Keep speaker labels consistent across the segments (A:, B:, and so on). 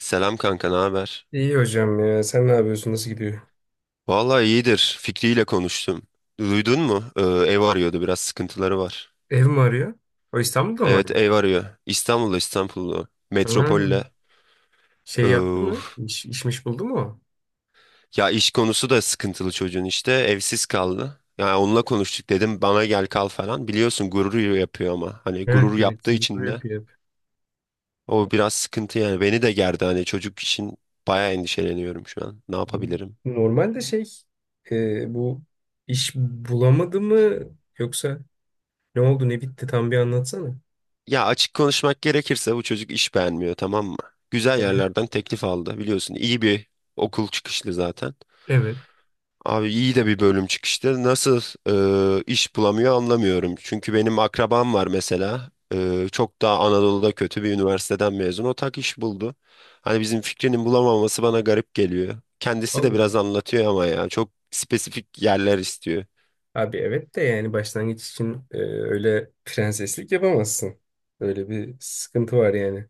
A: Selam kanka, ne haber?
B: İyi hocam ya. Sen ne yapıyorsun? Nasıl gidiyor?
A: Vallahi iyidir. Fikri ile konuştum. Duydun mu? Ev arıyordu, biraz sıkıntıları var.
B: Ev mi arıyor? O İstanbul'da mı
A: Evet,
B: arıyor?
A: ev arıyor. İstanbul'da.
B: Ha,
A: Metropolde.
B: şey yaptı
A: Ee,
B: mı? İşmiş buldu mu? O?
A: Ya iş konusu da sıkıntılı çocuğun işte. Evsiz kaldı. Yani onunla konuştuk dedim bana gel kal falan. Biliyorsun gurur yapıyor ama hani
B: Evet,
A: gurur yaptığı
B: gereksiz bir şey
A: için de
B: yapıyor.
A: o biraz sıkıntı yani. Beni de gerdi hani çocuk için bayağı endişeleniyorum şu an. Ne
B: Hep.
A: yapabilirim?
B: Normalde şey, bu iş bulamadı mı, yoksa ne oldu ne bitti, tam bir anlatsana.
A: Ya açık konuşmak gerekirse bu çocuk iş beğenmiyor, tamam mı? Güzel
B: Evet.
A: yerlerden teklif aldı biliyorsun. İyi bir okul çıkışlı zaten.
B: Evet.
A: Abi iyi de bir bölüm çıkıştı. Nasıl iş bulamıyor anlamıyorum. Çünkü benim akrabam var mesela. Çok daha Anadolu'da kötü bir üniversiteden mezun. O tak iş buldu. Hani bizim fikrinin bulamaması bana garip geliyor. Kendisi de
B: Anladım.
A: biraz anlatıyor ama ya, çok spesifik yerler istiyor.
B: Abi evet de, yani başlangıç için öyle prenseslik yapamazsın. Öyle bir sıkıntı var yani.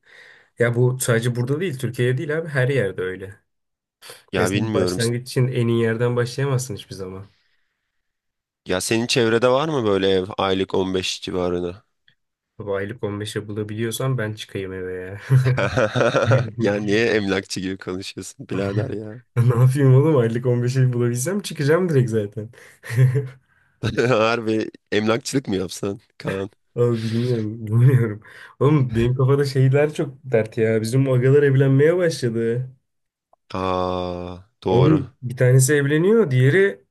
B: Ya bu sadece burada değil, Türkiye'de değil abi, her yerde öyle. Ya
A: Ya
B: sen
A: bilmiyorum.
B: başlangıç için en iyi yerden başlayamazsın hiçbir zaman.
A: Ya senin çevrede var mı böyle ev aylık 15 civarında?
B: Baba, aylık 15'e bulabiliyorsan ben çıkayım eve ya.
A: Ya niye emlakçı gibi konuşuyorsun birader ya?
B: Ne yapayım oğlum, aylık 15'e bulabilsem çıkacağım direkt zaten.
A: Harbi emlakçılık mı yapsan Kaan?
B: Abi bilmiyorum, bilmiyorum. Oğlum, benim kafada şeyler çok dert ya. Bizim agalar evlenmeye başladı.
A: Aa, doğru.
B: Oğlum bir tanesi evleniyor, diğeri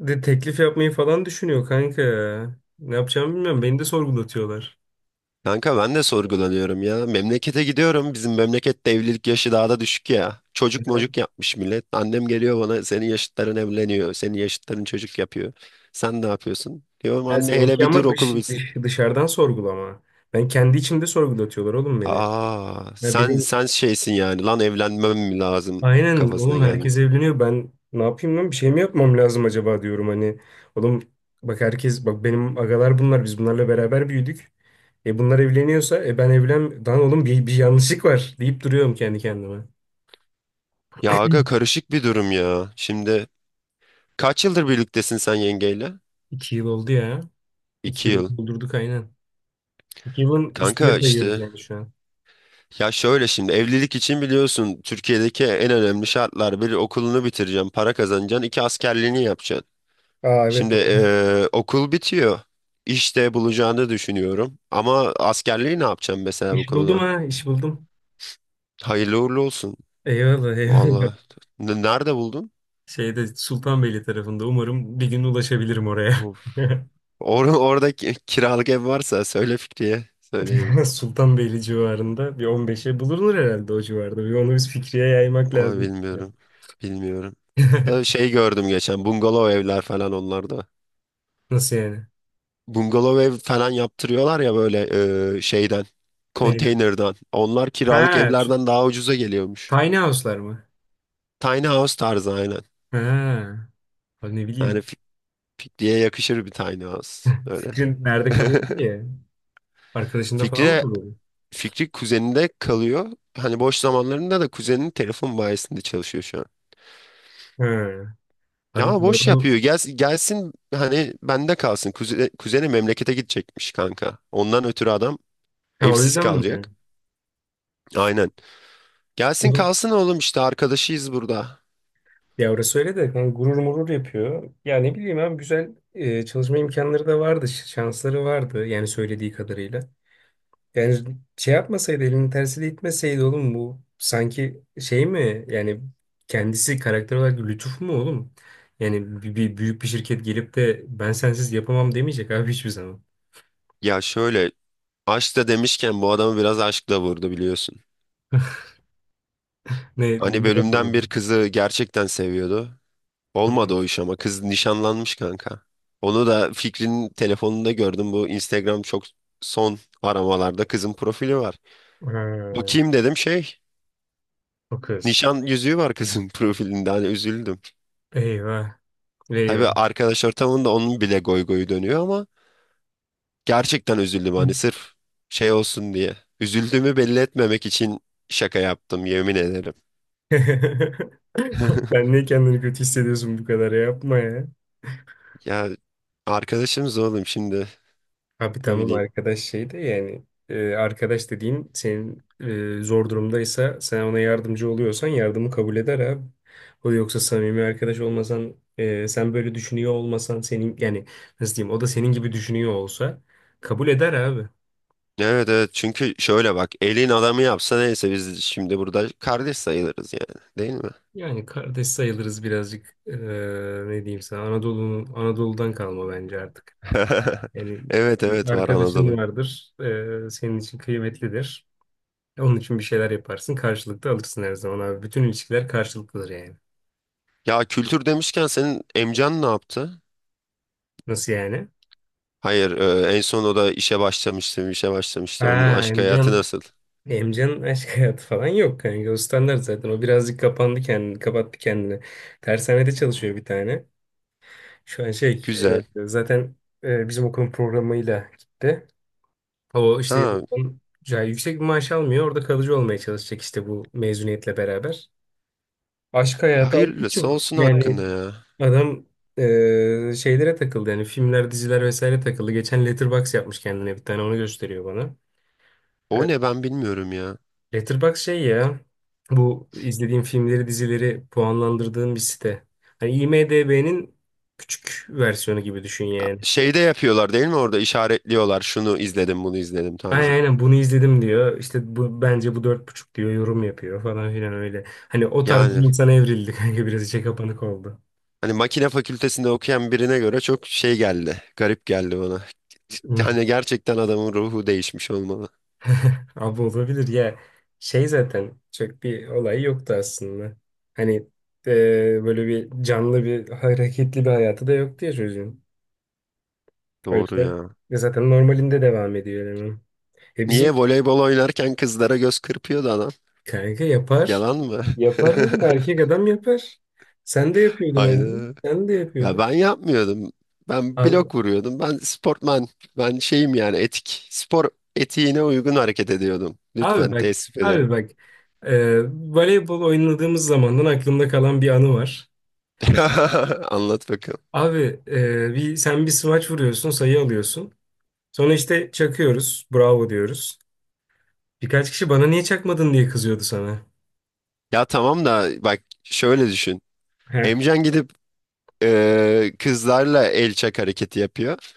B: de teklif yapmayı falan düşünüyor kanka ya. Ne yapacağımı bilmiyorum. Beni de sorgulatıyorlar.
A: Kanka ben de sorgulanıyorum ya. Memlekete gidiyorum. Bizim memlekette evlilik yaşı daha da düşük ya. Çocuk mocuk yapmış millet. Annem geliyor bana, senin yaşıtların evleniyor, senin yaşıtların çocuk yapıyor. Sen ne yapıyorsun? Diyorum
B: Ha,
A: anne hele
B: seninki
A: bir dur
B: ama
A: okul bitsin.
B: dışarıdan sorgulama. Ben kendi içimde sorgulatıyorlar oğlum beni.
A: Aa,
B: Ya
A: sen
B: benim,
A: sen şeysin yani lan evlenmem mi lazım
B: aynen
A: kafasına
B: oğlum,
A: geldin.
B: herkes evleniyor. Ben ne yapayım lan, bir şey mi yapmam lazım acaba diyorum hani. Oğlum bak, herkes, bak benim agalar, bunlar biz bunlarla beraber büyüdük. E bunlar evleniyorsa, e ben evlen lan oğlum, bir yanlışlık var deyip duruyorum kendi kendime.
A: Ya aga karışık bir durum ya. Şimdi kaç yıldır birliktesin sen yengeyle?
B: 2 yıl oldu ya. İki
A: İki
B: yıl
A: yıl.
B: doldurduk aynen. 2 yılın üstüne
A: Kanka
B: sayıyoruz
A: işte,
B: yani şu an.
A: ya şöyle şimdi evlilik için biliyorsun Türkiye'deki en önemli şartlar, bir okulunu bitireceksin, para kazanacaksın, iki askerliğini yapacaksın.
B: Aa evet,
A: Şimdi
B: doğru.
A: okul bitiyor. İşte bulacağını düşünüyorum. Ama askerliği ne yapacaksın mesela bu
B: İş buldum,
A: konuda?
B: ha, iş buldum.
A: Hayırlı uğurlu olsun.
B: Eyvallah, eyvallah.
A: Vallahi. Nerede buldun?
B: Şeyde, Sultanbeyli tarafında, umarım bir gün ulaşabilirim oraya.
A: Orada kiralık ev varsa söyle Fikriye. Söyleyelim.
B: Sultanbeyli civarında bir 15'e bulunur herhalde o civarda. Bir onu biz Fikri'ye yaymak
A: Ay
B: lazım.
A: bilmiyorum. Bilmiyorum. Ha, şey gördüm geçen, bungalov evler falan onlarda.
B: Nasıl yani?
A: Bungalov ev falan yaptırıyorlar ya böyle şeyden.
B: Neydi?
A: Konteynerden. Onlar kiralık
B: Ha, şu
A: evlerden daha ucuza geliyormuş.
B: tiny house'lar mı?
A: Tiny house tarzı aynen.
B: Ha, abi ne
A: Yani
B: bileyim.
A: Fikriye yakışır bir tiny house. Öyle.
B: Fikrin nerede kalıyor ki? Arkadaşında falan mı
A: Fikri,
B: kalıyor?
A: Fikri kuzeninde kalıyor. Hani boş zamanlarında da kuzeninin telefon bayisinde çalışıyor şu an.
B: Ha, abi
A: Ya
B: bu
A: boş
B: adam,
A: yapıyor. Gelsin hani bende kalsın. Kuzeni memlekete gidecekmiş kanka. Ondan ötürü adam
B: ha, o
A: evsiz
B: yüzden
A: kalacak.
B: mi?
A: Aynen. Gelsin kalsın oğlum işte, arkadaşıyız burada.
B: Ya orası öyle de, hani gurur murur yapıyor. Ya ne bileyim abi, güzel çalışma imkanları da vardı, şansları vardı yani, söylediği kadarıyla. Yani şey yapmasaydı, elinin tersiyle itmeseydi oğlum, bu sanki şey mi yani, kendisi karakter olarak lütuf mu oğlum? Yani bir, bir büyük bir şirket gelip de ben sensiz yapamam demeyecek abi hiçbir zaman.
A: Ya şöyle, aşk da demişken bu adamı biraz aşkla vurdu biliyorsun.
B: Ne,
A: Hani
B: ne
A: bölümden
B: zaman?
A: bir kızı gerçekten seviyordu. Olmadı
B: Hı.
A: o iş ama kız nişanlanmış kanka. Onu da Fikri'nin telefonunda gördüm. Bu Instagram çok, son aramalarda kızın profili var.
B: Ha,
A: Bakayım dedim şey.
B: o kız.
A: Nişan yüzüğü var kızın profilinde, hani üzüldüm.
B: Eyvah.
A: Tabii
B: Eyvah.
A: arkadaş ortamında onun bile goy goyu dönüyor ama gerçekten üzüldüm hani, sırf şey olsun diye. Üzüldüğümü belli etmemek için şaka yaptım yemin ederim.
B: Sen niye kendini kötü hissediyorsun bu kadar ya? Yapma ya.
A: Ya arkadaşımız oğlum şimdi,
B: Abi
A: ne
B: tamam,
A: bileyim.
B: arkadaş şey de yani, arkadaş dediğin senin, zor durumdaysa, sen ona yardımcı oluyorsan, yardımı kabul eder abi. O yoksa samimi arkadaş olmasan, sen böyle düşünüyor olmasan, senin yani, nasıl diyeyim, o da senin gibi düşünüyor olsa kabul eder abi.
A: Evet evet, çünkü şöyle bak elin adamı yapsa neyse, biz şimdi burada kardeş sayılırız yani, değil mi?
B: Yani kardeş sayılırız birazcık, ne diyeyim sana, Anadolu'nun, Anadolu'dan kalma bence artık. Yani
A: Evet
B: bir
A: evet, var
B: arkadaşın
A: Anadolu.
B: vardır, senin için kıymetlidir. Onun için bir şeyler yaparsın. Karşılıklı alırsın her zaman abi. Bütün ilişkiler karşılıklıdır yani.
A: Ya kültür demişken senin emcan ne yaptı?
B: Nasıl yani?
A: Hayır, en son o da işe
B: Ha,
A: başlamıştı. Onun aşk hayatı
B: Emcan.
A: nasıl?
B: Emcan'ın aşk hayatı falan yok kanka. O standart zaten. O birazcık kapandı kendini. Kapattı kendini. Tersanede çalışıyor bir tane. Şu an şey,
A: Güzel.
B: zaten bizim okulun programıyla gitti. O işte
A: Ha,
B: okulun... ya, yüksek bir maaş almıyor. Orada kalıcı olmaya çalışacak işte, bu mezuniyetle beraber. Aşk hayatı abi
A: hayırlısı
B: çok...
A: olsun
B: Yani
A: hakkında ya.
B: adam şeylere takıldı yani, filmler, diziler vesaire takıldı. Geçen Letterboxd yapmış kendine, bir tane onu gösteriyor bana. E,
A: O ne, ben bilmiyorum ya.
B: Letterboxd şey ya, bu izlediğim filmleri, dizileri puanlandırdığım bir site. Hani IMDb'nin küçük versiyonu gibi düşün yani.
A: Şeyde yapıyorlar değil mi, orada işaretliyorlar. Şunu izledim, bunu izledim
B: Aynen,
A: tarzı.
B: aynen bunu izledim diyor. İşte bu, bence bu 4,5 diyor, yorum yapıyor falan filan öyle. Hani o tarz bir
A: Yani
B: insana evrildi kanka, biraz içe kapanık oldu.
A: hani makine fakültesinde okuyan birine göre çok şey geldi. Garip geldi bana. Hani gerçekten adamın ruhu değişmiş olmalı.
B: Abi olabilir ya. Şey, zaten çok bir olay yoktu aslında. Hani böyle bir canlı bir hareketli bir hayatı da yoktu ya çocuğun. O
A: Doğru
B: yüzden
A: ya.
B: zaten normalinde devam ediyor eleman. Bizim
A: Niye voleybol oynarken kızlara göz kırpıyordu adam?
B: kanka yapar.
A: Yalan mı?
B: Yapar oğlum, erkek adam yapar. Sen de yapıyordun abi.
A: Hayda.
B: Sen de
A: Ya
B: yapıyordun.
A: ben yapmıyordum. Ben
B: Abi,
A: blok vuruyordum. Ben sportman. Ben şeyim yani, etik. Spor etiğine uygun hareket ediyordum.
B: abi
A: Lütfen,
B: bak
A: teessüf ederim.
B: abi bak, voleybol oynadığımız zamandan aklımda kalan bir anı var.
A: Anlat bakalım.
B: Abi bir sen bir smaç vuruyorsun, sayı alıyorsun. Sonra işte çakıyoruz, bravo diyoruz. Birkaç kişi bana niye çakmadın diye kızıyordu sana.
A: Ya tamam da bak şöyle düşün.
B: He.
A: Emcan gidip kızlarla el çak hareketi yapıyor.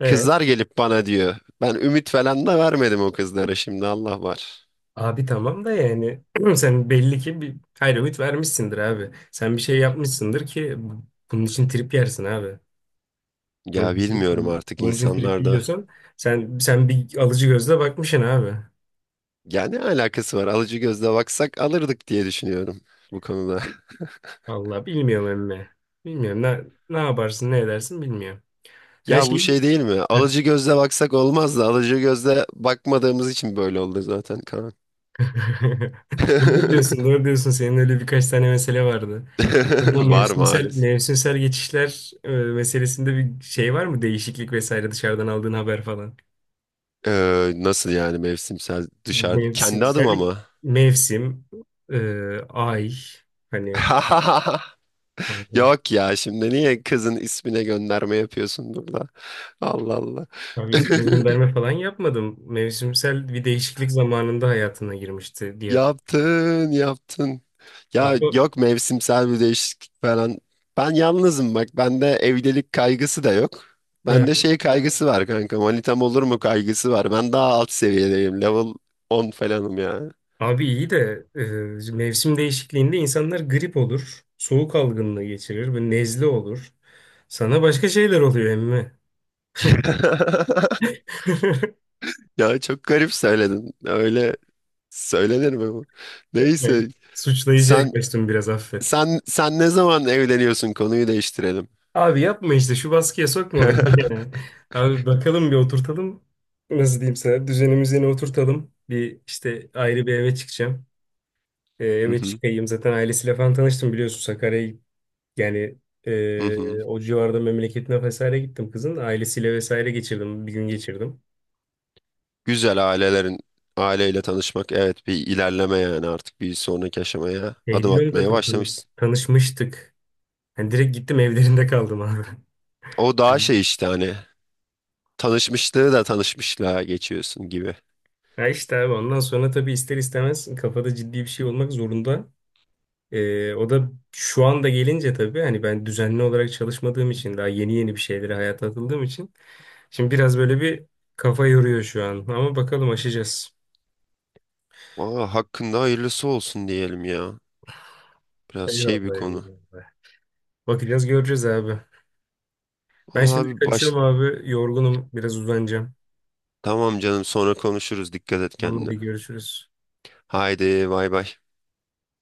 B: E
A: Kızlar gelip bana diyor. Ben ümit falan da vermedim o kızlara, şimdi Allah var.
B: Abi tamam da yani, sen belli ki bir, hayır, ümit vermişsindir abi. Sen bir şey yapmışsındır ki bunun için trip yersin abi. Bunun
A: Ya
B: için trip,
A: bilmiyorum artık
B: bunun için trip
A: insanlarda.
B: yiyorsan, sen bir alıcı gözle bakmışsın abi.
A: Ya ne alakası var? Alıcı gözle baksak alırdık diye düşünüyorum bu konuda.
B: Vallahi bilmiyorum emmi. Bilmiyorum, ne yaparsın, ne edersin bilmiyorum. Sen
A: Ya bu
B: şey...
A: şey değil mi? Alıcı gözle baksak olmaz da, alıcı gözle bakmadığımız için böyle oldu zaten Kaan.
B: Doğru diyorsun, doğru diyorsun. Senin öyle birkaç tane mesele vardı. Bu
A: Var
B: mevsimsel
A: maalesef.
B: mevsimsel geçişler meselesinde bir şey var mı? Değişiklik vesaire, dışarıdan aldığın haber falan.
A: Nasıl yani mevsimsel, dışarı kendi adım
B: Mevsimsel,
A: ama.
B: mevsim, e, ay, hani kanka.
A: Yok ya, şimdi niye kızın ismine gönderme yapıyorsun burada? Allah Allah.
B: Abi ismi gönderme falan yapmadım. Mevsimsel bir değişiklik zamanında hayatına girmişti diye.
A: Yaptın. Ya
B: Abi,
A: yok mevsimsel bir değişiklik falan. Ben yalnızım bak. Bende evlilik kaygısı da yok. Bende
B: he.
A: şey kaygısı var kanka. Manitam olur mu kaygısı var. Ben daha alt seviyedeyim. Level on falanım ya.
B: Abi iyi de mevsim değişikliğinde insanlar grip olur, soğuk algınlığı geçirir ve nezle olur. Sana başka şeyler oluyor emmi.
A: Ya çok garip söyledin. Öyle söylenir mi bu?
B: Bey,
A: Neyse.
B: suçlayıcı
A: Sen
B: yaklaştım biraz, affet.
A: sen ne zaman evleniyorsun? Konuyu değiştirelim.
B: Abi yapma, işte şu baskıya sokma beni.
A: Hı
B: ya. Abi bakalım, bir oturtalım. Nasıl diyeyim sana, düzenimizi yine oturtalım. Bir işte ayrı bir eve çıkacağım. Eve
A: hı,
B: çıkayım zaten. Ailesiyle falan tanıştım, biliyorsun, Sakarya'yı. Yani
A: hı hı.
B: o civarda, memleketine vesaire gittim kızın. Ailesiyle vesaire geçirdim. Bir gün geçirdim.
A: Güzel ailelerin, aileyle tanışmak evet bir ilerleme yani, artık bir sonraki aşamaya
B: Şey
A: adım
B: değil oğlum,
A: atmaya
B: zaten
A: başlamışsın.
B: tanışmıştık. Hani direkt gittim evlerinde kaldım abi.
A: O daha şey işte, hani tanışmışlığı da tanışmışlığa geçiyorsun gibi.
B: Ya işte abi, ondan sonra tabii, ister istemez kafada ciddi bir şey olmak zorunda. O da şu anda gelince tabii, hani ben düzenli olarak çalışmadığım için, daha yeni yeni bir şeylere, hayata atıldığım için, şimdi biraz böyle bir kafa yoruyor şu an, ama bakalım, aşacağız.
A: Valla hakkında hayırlısı olsun diyelim ya. Biraz şey bir
B: Eyvallah,
A: konu.
B: eyvallah. Bakacağız, göreceğiz abi. Ben
A: Valla
B: şimdi
A: bir
B: kaçıyorum
A: baş...
B: abi, yorgunum, biraz uzanacağım.
A: Tamam canım, sonra konuşuruz, dikkat et
B: Tamam,
A: kendine.
B: hadi görüşürüz.
A: Haydi bay bay.